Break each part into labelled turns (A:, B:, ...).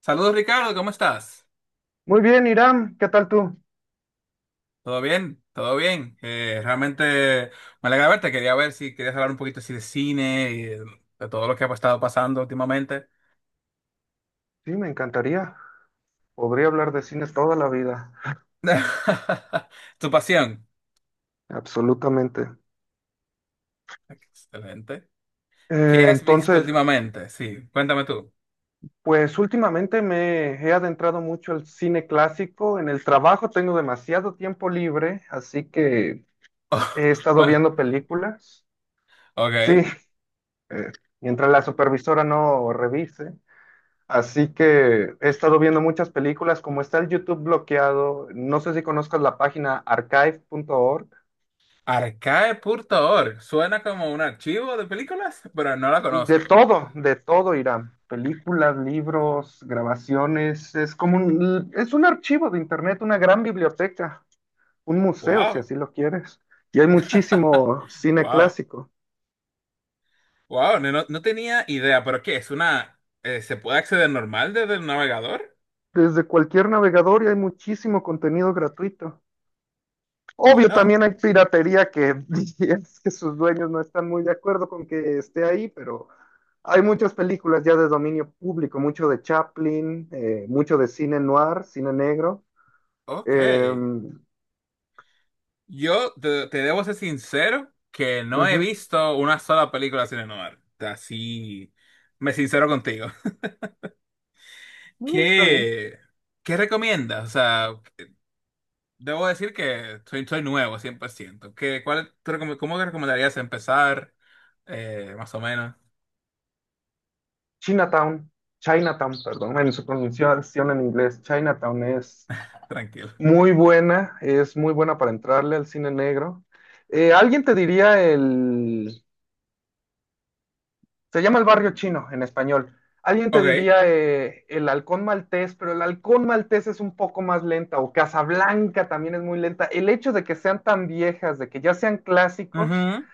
A: Saludos Ricardo, ¿cómo estás?
B: Muy bien, Irán, ¿qué tal tú?
A: ¿Todo bien? ¿Todo bien? Realmente me alegra verte, quería ver si querías hablar un poquito así de cine y de todo lo que ha estado pasando últimamente.
B: Sí, me encantaría. Podría hablar de cine toda la vida,
A: Tu pasión.
B: absolutamente.
A: Excelente. ¿Qué
B: Eh,
A: has visto
B: entonces,
A: últimamente? Sí, cuéntame tú.
B: pues últimamente me he adentrado mucho al cine clásico. En el trabajo tengo demasiado tiempo libre, así que he estado
A: Bueno,
B: viendo películas. Sí,
A: ok.
B: eh, mientras la supervisora no revise. Así que he estado viendo muchas películas, como está el YouTube bloqueado. No sé si conozcas la página archive.org.
A: Arcae.org. Suena como un archivo de películas, pero no la conozco.
B: De todo, Irán. Películas, libros, grabaciones. Es un archivo de internet, una gran biblioteca, un museo, si
A: Wow.
B: así lo quieres. Y hay muchísimo cine
A: Wow.
B: clásico.
A: Wow, no tenía idea, pero ¿qué? ¿Es una... ¿Se puede acceder normal desde el navegador?
B: Desde cualquier navegador y hay muchísimo contenido gratuito. Obvio,
A: Bueno,
B: también hay piratería que es que sus dueños no están muy de acuerdo con que esté ahí, pero hay muchas películas ya de dominio público, mucho de Chaplin, mucho de cine noir, cine negro.
A: ok.
B: Eh,
A: Yo te debo ser sincero que no he
B: Ujú.
A: visto una sola película cine noir. Así me sincero contigo.
B: No, está bien.
A: ¿Qué, qué recomiendas? O sea, debo decir que soy nuevo, 100%. ¿Qué, cuál, tú recome- cómo te recomendarías empezar? Más o menos,
B: Chinatown, Chinatown, perdón, en su pronunciación en inglés, Chinatown
A: tranquilo.
B: es muy buena para entrarle al cine negro. Alguien te diría se llama el barrio chino en español. Alguien te
A: Ok.
B: diría el Halcón Maltés, pero el Halcón Maltés es un poco más lenta, o Casablanca también es muy lenta. El hecho de que sean tan viejas, de que ya sean clásicos,
A: Ujú.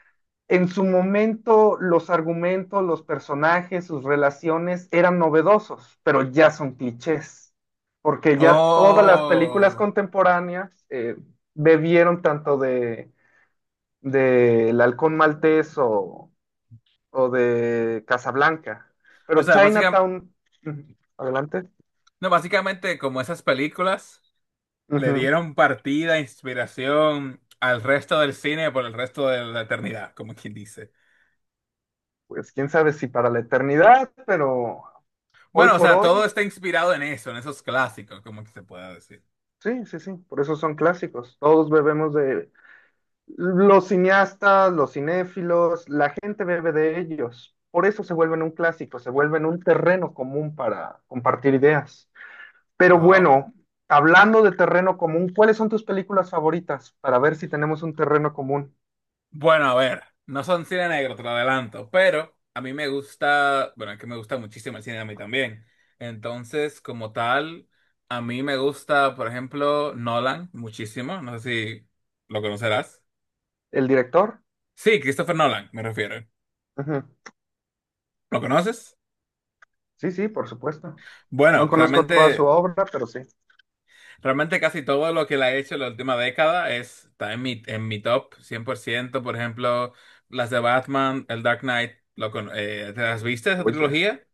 B: en su momento los argumentos, los personajes, sus relaciones eran novedosos, pero ya son clichés, porque ya todas las películas
A: Oh.
B: contemporáneas bebieron tanto de El Halcón Maltés o de Casablanca,
A: O
B: pero
A: sea, básicamente...
B: Chinatown, ujú, adelante,
A: No, básicamente como esas películas le
B: ujú,
A: dieron partida, inspiración al resto del cine por el resto de la eternidad, como quien dice.
B: pues quién sabe si para la eternidad, pero hoy
A: Bueno, o
B: por
A: sea, todo
B: hoy,
A: está inspirado en eso, en esos clásicos, como que se pueda decir.
B: sí, sí, sí, por eso son clásicos, todos bebemos de los cineastas, los cinéfilos, la gente bebe de ellos. Por eso se vuelven un clásico, se vuelven un terreno común para compartir ideas. Pero
A: Wow.
B: bueno, hablando de terreno común, ¿cuáles son tus películas favoritas? Para ver si tenemos un terreno común.
A: Bueno, a ver, no son cine negro, te lo adelanto, pero a mí me gusta, bueno, es que me gusta muchísimo el cine a mí también. Entonces, como tal, a mí me gusta, por ejemplo, Nolan muchísimo, no sé si lo conocerás.
B: ¿El director?
A: Sí, Christopher Nolan, me refiero.
B: Ujú.
A: ¿Lo conoces?
B: Sí, sí, por supuesto. No
A: Bueno,
B: conozco toda su
A: realmente,
B: obra, pero sí.
A: realmente casi todo lo que la he hecho en la última década es, está en mi top 100%, por ejemplo, las de Batman, el Dark Knight, ¿te las viste esa
B: Joya,
A: trilogía?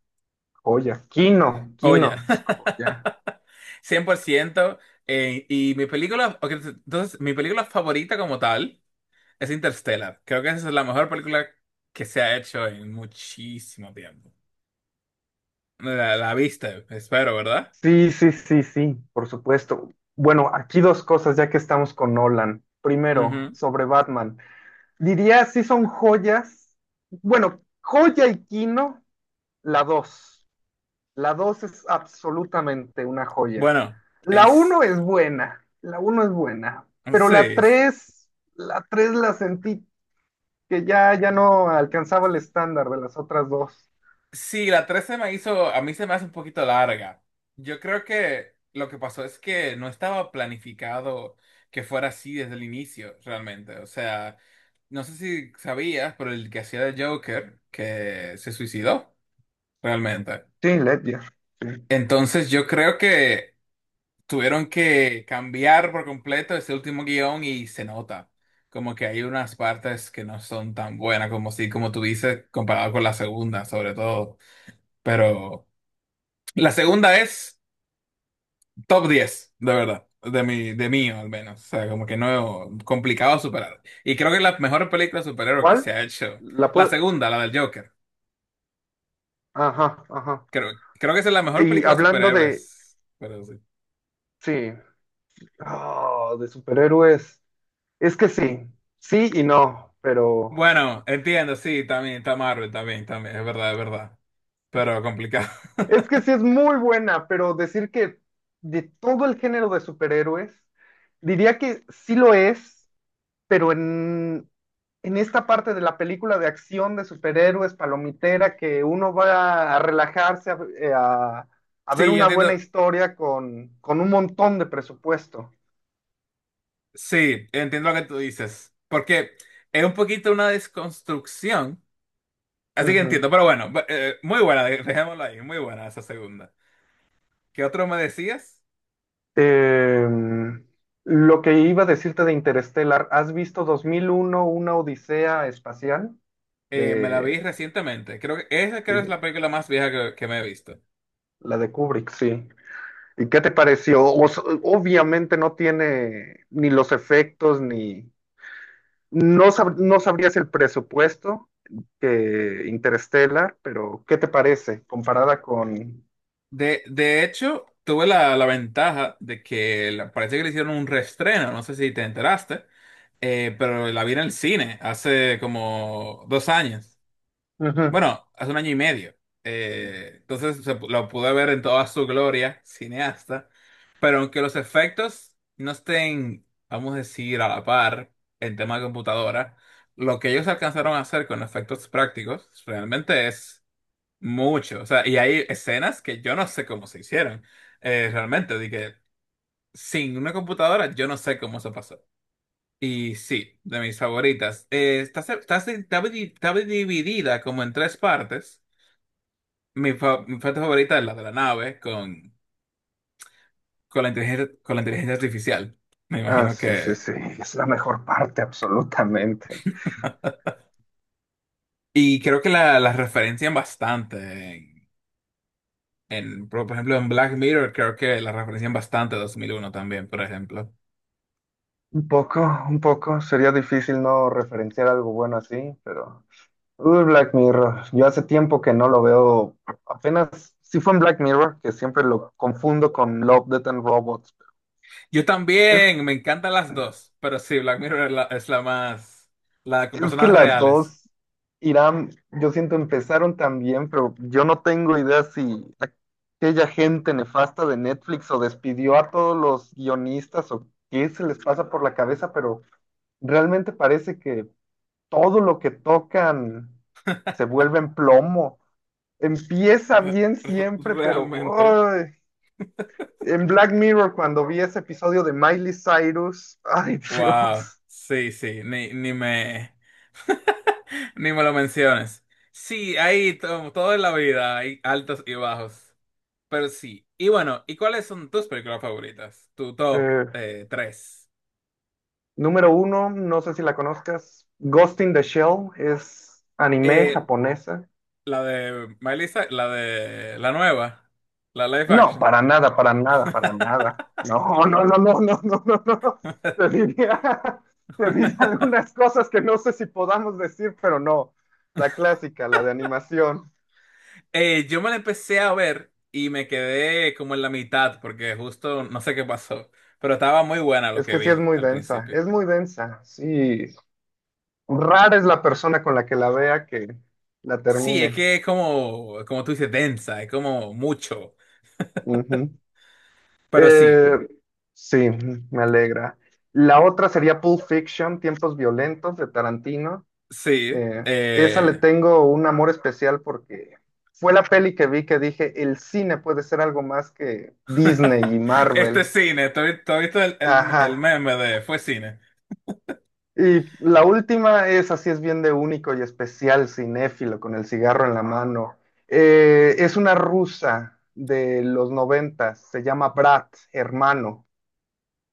B: joya. Kino, Kino,
A: Joya.
B: es joya.
A: 100%. Y mi película, ok, entonces, mi película favorita como tal es Interstellar. Creo que esa es la mejor película que se ha hecho en muchísimo tiempo. La viste, espero, ¿verdad?
B: Sí, sí, sí, sí, por supuesto. Bueno, aquí dos cosas ya que estamos con Nolan. Primero,
A: Ujú.
B: sobre Batman. Diría si son joyas. Bueno, joya y Kino, la dos. La dos es absolutamente una joya.
A: Bueno,
B: La
A: es...
B: uno es buena, la uno es buena, pero la
A: Sí.
B: tres, la tres la sentí que ya no alcanzaba el estándar de las otras dos.
A: Sí, la 13 me hizo, a mí se me hace un poquito larga. Yo creo que lo que pasó es que no estaba planificado que fuera así desde el inicio, realmente. O sea, no sé si sabías, pero el que hacía de Joker, que se suicidó, realmente.
B: Sí, Ledger. Sí.
A: Entonces yo creo que tuvieron que cambiar por completo ese último guión y se nota. Como que hay unas partes que no son tan buenas como si, como tú dices, comparado con la segunda, sobre todo. Pero... La segunda es top 10 de verdad. De mío, al menos. O sea, como que no, complicado superar. Y creo que es la mejor película de superhéroes que se
B: ¿Cuál?
A: ha hecho.
B: La
A: La
B: puede...
A: segunda, la del Joker.
B: Ajá, ajá.
A: Creo, creo que esa es la mejor
B: Y
A: película de
B: hablando de,
A: superhéroes. Pero sí.
B: sí, ah, de superhéroes, es que sí, sí y no, pero
A: Bueno, entiendo, sí, también, está Marvel, también, también, es verdad, es verdad. Pero complicado.
B: es que sí es muy buena, pero decir que de todo el género de superhéroes, diría que sí lo es, pero en esta parte de la película de acción de superhéroes, palomitera, que uno va a relajarse, a ver
A: Sí, yo
B: una buena
A: entiendo,
B: historia con un montón de presupuesto.
A: sí, entiendo lo que tú dices, porque es un poquito una desconstrucción, así que
B: Ujú.
A: entiendo, pero bueno, muy buena, dejémoslo ahí, muy buena esa segunda. ¿Qué otro me decías?
B: Eh, lo que iba a decirte de Interstellar, ¿has visto 2001, una odisea espacial?
A: Me la vi
B: De,
A: recientemente. Creo que esa
B: sí,
A: creo es la película más vieja que me he visto.
B: la de Kubrick, sí. ¿Y qué te pareció? Obviamente no tiene ni los efectos, ni... No sabrías el presupuesto que Interstellar, pero ¿qué te parece comparada con...
A: De hecho, tuve la ventaja de que parece que le hicieron un reestreno, no sé si te enteraste, pero la vi en el cine hace como 2 años.
B: Ujú.
A: Bueno, hace un año y medio. Entonces lo pude ver en toda su gloria, cineasta. Pero aunque los efectos no estén, vamos a decir, a la par en tema de computadora, lo que ellos alcanzaron a hacer con efectos prácticos realmente es mucho. O sea, y hay escenas que yo no sé cómo se hicieron. Realmente, de que sin una computadora yo no sé cómo se pasó. Y sí, de mis favoritas. Está, se- está, se- está di- está dividida como en tres partes. Mi parte favorita es la de la nave con la inteligencia, con la inteligencia artificial. Me
B: Ah,
A: imagino
B: sí, sí,
A: que...
B: sí, es la mejor parte, absolutamente.
A: Y creo que la referencian bastante. En, en, por ejemplo, en Black Mirror creo que la referencian bastante 2001 también, por ejemplo.
B: Un poco, un poco. Sería difícil no referenciar algo bueno así, pero... Uy, Black Mirror. Yo hace tiempo que no lo veo. Apenas... Sí fue en Black Mirror, que siempre lo confundo con Love, Death and Robots.
A: Yo
B: Es,
A: también, me encantan las dos, pero sí, Black Mirror es la más... La con
B: es que
A: personas
B: las
A: reales.
B: dos, Irán, yo siento empezaron tan bien, pero yo no tengo idea si aquella gente nefasta de Netflix o despidió a todos los guionistas o qué se les pasa por la cabeza, pero realmente parece que todo lo que tocan se vuelve en plomo. Empieza bien siempre, pero
A: Realmente.
B: ¡ay! En Black Mirror, cuando vi ese episodio de Miley Cyrus, ay,
A: Wow,
B: Dios.
A: sí, sí, ni me ni me lo menciones. Sí, ahí todo en la vida hay altos y bajos. Pero sí. Y bueno, ¿y cuáles son tus películas favoritas? Tu top
B: Eh,
A: tres.
B: Número uno, no sé si la conozcas, Ghost in the Shell es anime
A: Eh,
B: japonesa.
A: la de Melissa, la de la nueva, la live
B: No,
A: action.
B: para nada, para nada, para nada. No, no, no, no, no, no, no, no. Te diría, te diría algunas cosas que no sé si podamos decir, pero no. La clásica, la de animación.
A: Yo me la empecé a ver y me quedé como en la mitad porque justo no sé qué pasó, pero estaba muy buena lo
B: Es
A: que
B: que sí
A: vi al principio.
B: es muy densa, sí. Rara es la persona con la que la vea que la
A: Sí, es
B: termine.
A: que es como, como tú dices, densa, es como mucho.
B: Ujú.
A: Pero sí,
B: Eh, sí, me alegra. La otra sería Pulp Fiction, Tiempos Violentos de Tarantino.
A: sí.
B: Esa le tengo un amor especial porque fue la peli que vi que dije, el cine puede ser algo más que Disney y
A: Este
B: Marvel.
A: es cine. ¿Tú has visto el, el
B: Ajá.
A: meme de fue cine?
B: Y la última es, así es bien de único y especial, cinéfilo, con el cigarro en la mano. Es una rusa de los noventas, se llama Brat, hermano.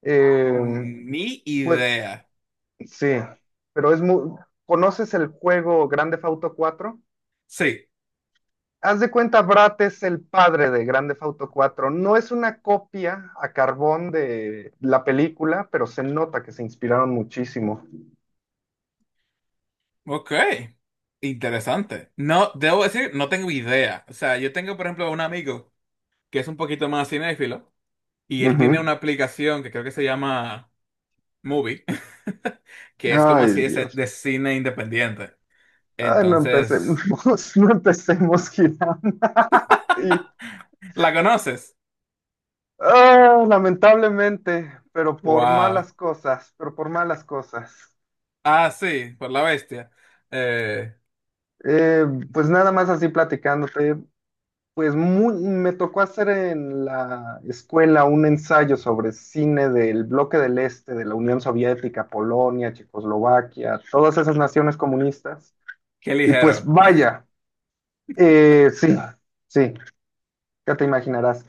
B: Eh,
A: Ni
B: pues
A: idea.
B: sí, pero es muy... ¿Conoces el juego Grand Theft Auto cuatro
A: Sí,
B: Haz de cuenta, Brat es el padre de Grand Theft Auto 4 es una copia a carbón de la película, pero se nota que se inspiraron muchísimo.
A: ok. Interesante. No, debo decir, no tengo idea. O sea, yo tengo, por ejemplo, un amigo que es un poquito más cinéfilo y él tiene
B: Ujú.
A: una aplicación que creo que se llama Movie, que es como
B: Ay,
A: así
B: Dios.
A: de cine independiente.
B: Ay, no
A: Entonces...
B: empecemos, no empecemos, Gilán. Sí.
A: ¿La conoces?
B: Ah, lamentablemente, pero por
A: Wow.
B: malas cosas, pero por malas cosas.
A: Ah, sí, por la bestia. Eh,
B: Eh, pues nada más así platicándote, me tocó hacer en la escuela un ensayo sobre cine del bloque del Este, de la Unión Soviética, Polonia, Checoslovaquia, todas esas naciones comunistas.
A: Qué
B: Y pues
A: ligero.
B: vaya, eh, sí, sí, ya te imaginarás.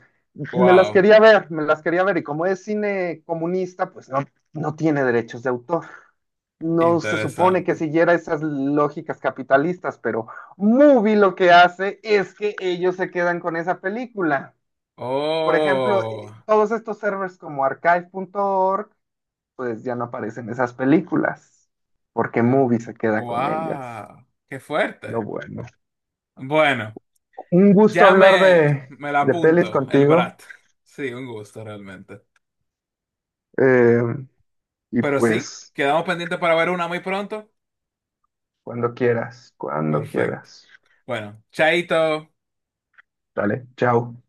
B: Me las
A: Wow,
B: quería ver, me las quería ver, y como es cine comunista, pues no, no tiene derechos de autor. No se supone que
A: interesante.
B: siguiera esas lógicas capitalistas, pero Movie lo que hace es que ellos se quedan con esa película. Por ejemplo,
A: Oh,
B: todos estos servers como archive.org, pues ya no aparecen esas películas, porque Movie se queda con ellas.
A: wow, qué
B: Pero
A: fuerte.
B: bueno,
A: Bueno,
B: un gusto
A: ya
B: hablar
A: me, me la
B: de pelis
A: apunto, el
B: contigo.
A: Brat. Sí, un gusto realmente.
B: eh, y
A: Pero sí,
B: pues...
A: quedamos pendientes para ver una muy pronto.
B: Cuando quieras, cuando
A: Perfecto.
B: quieras.
A: Bueno, chaito.
B: Dale, chao.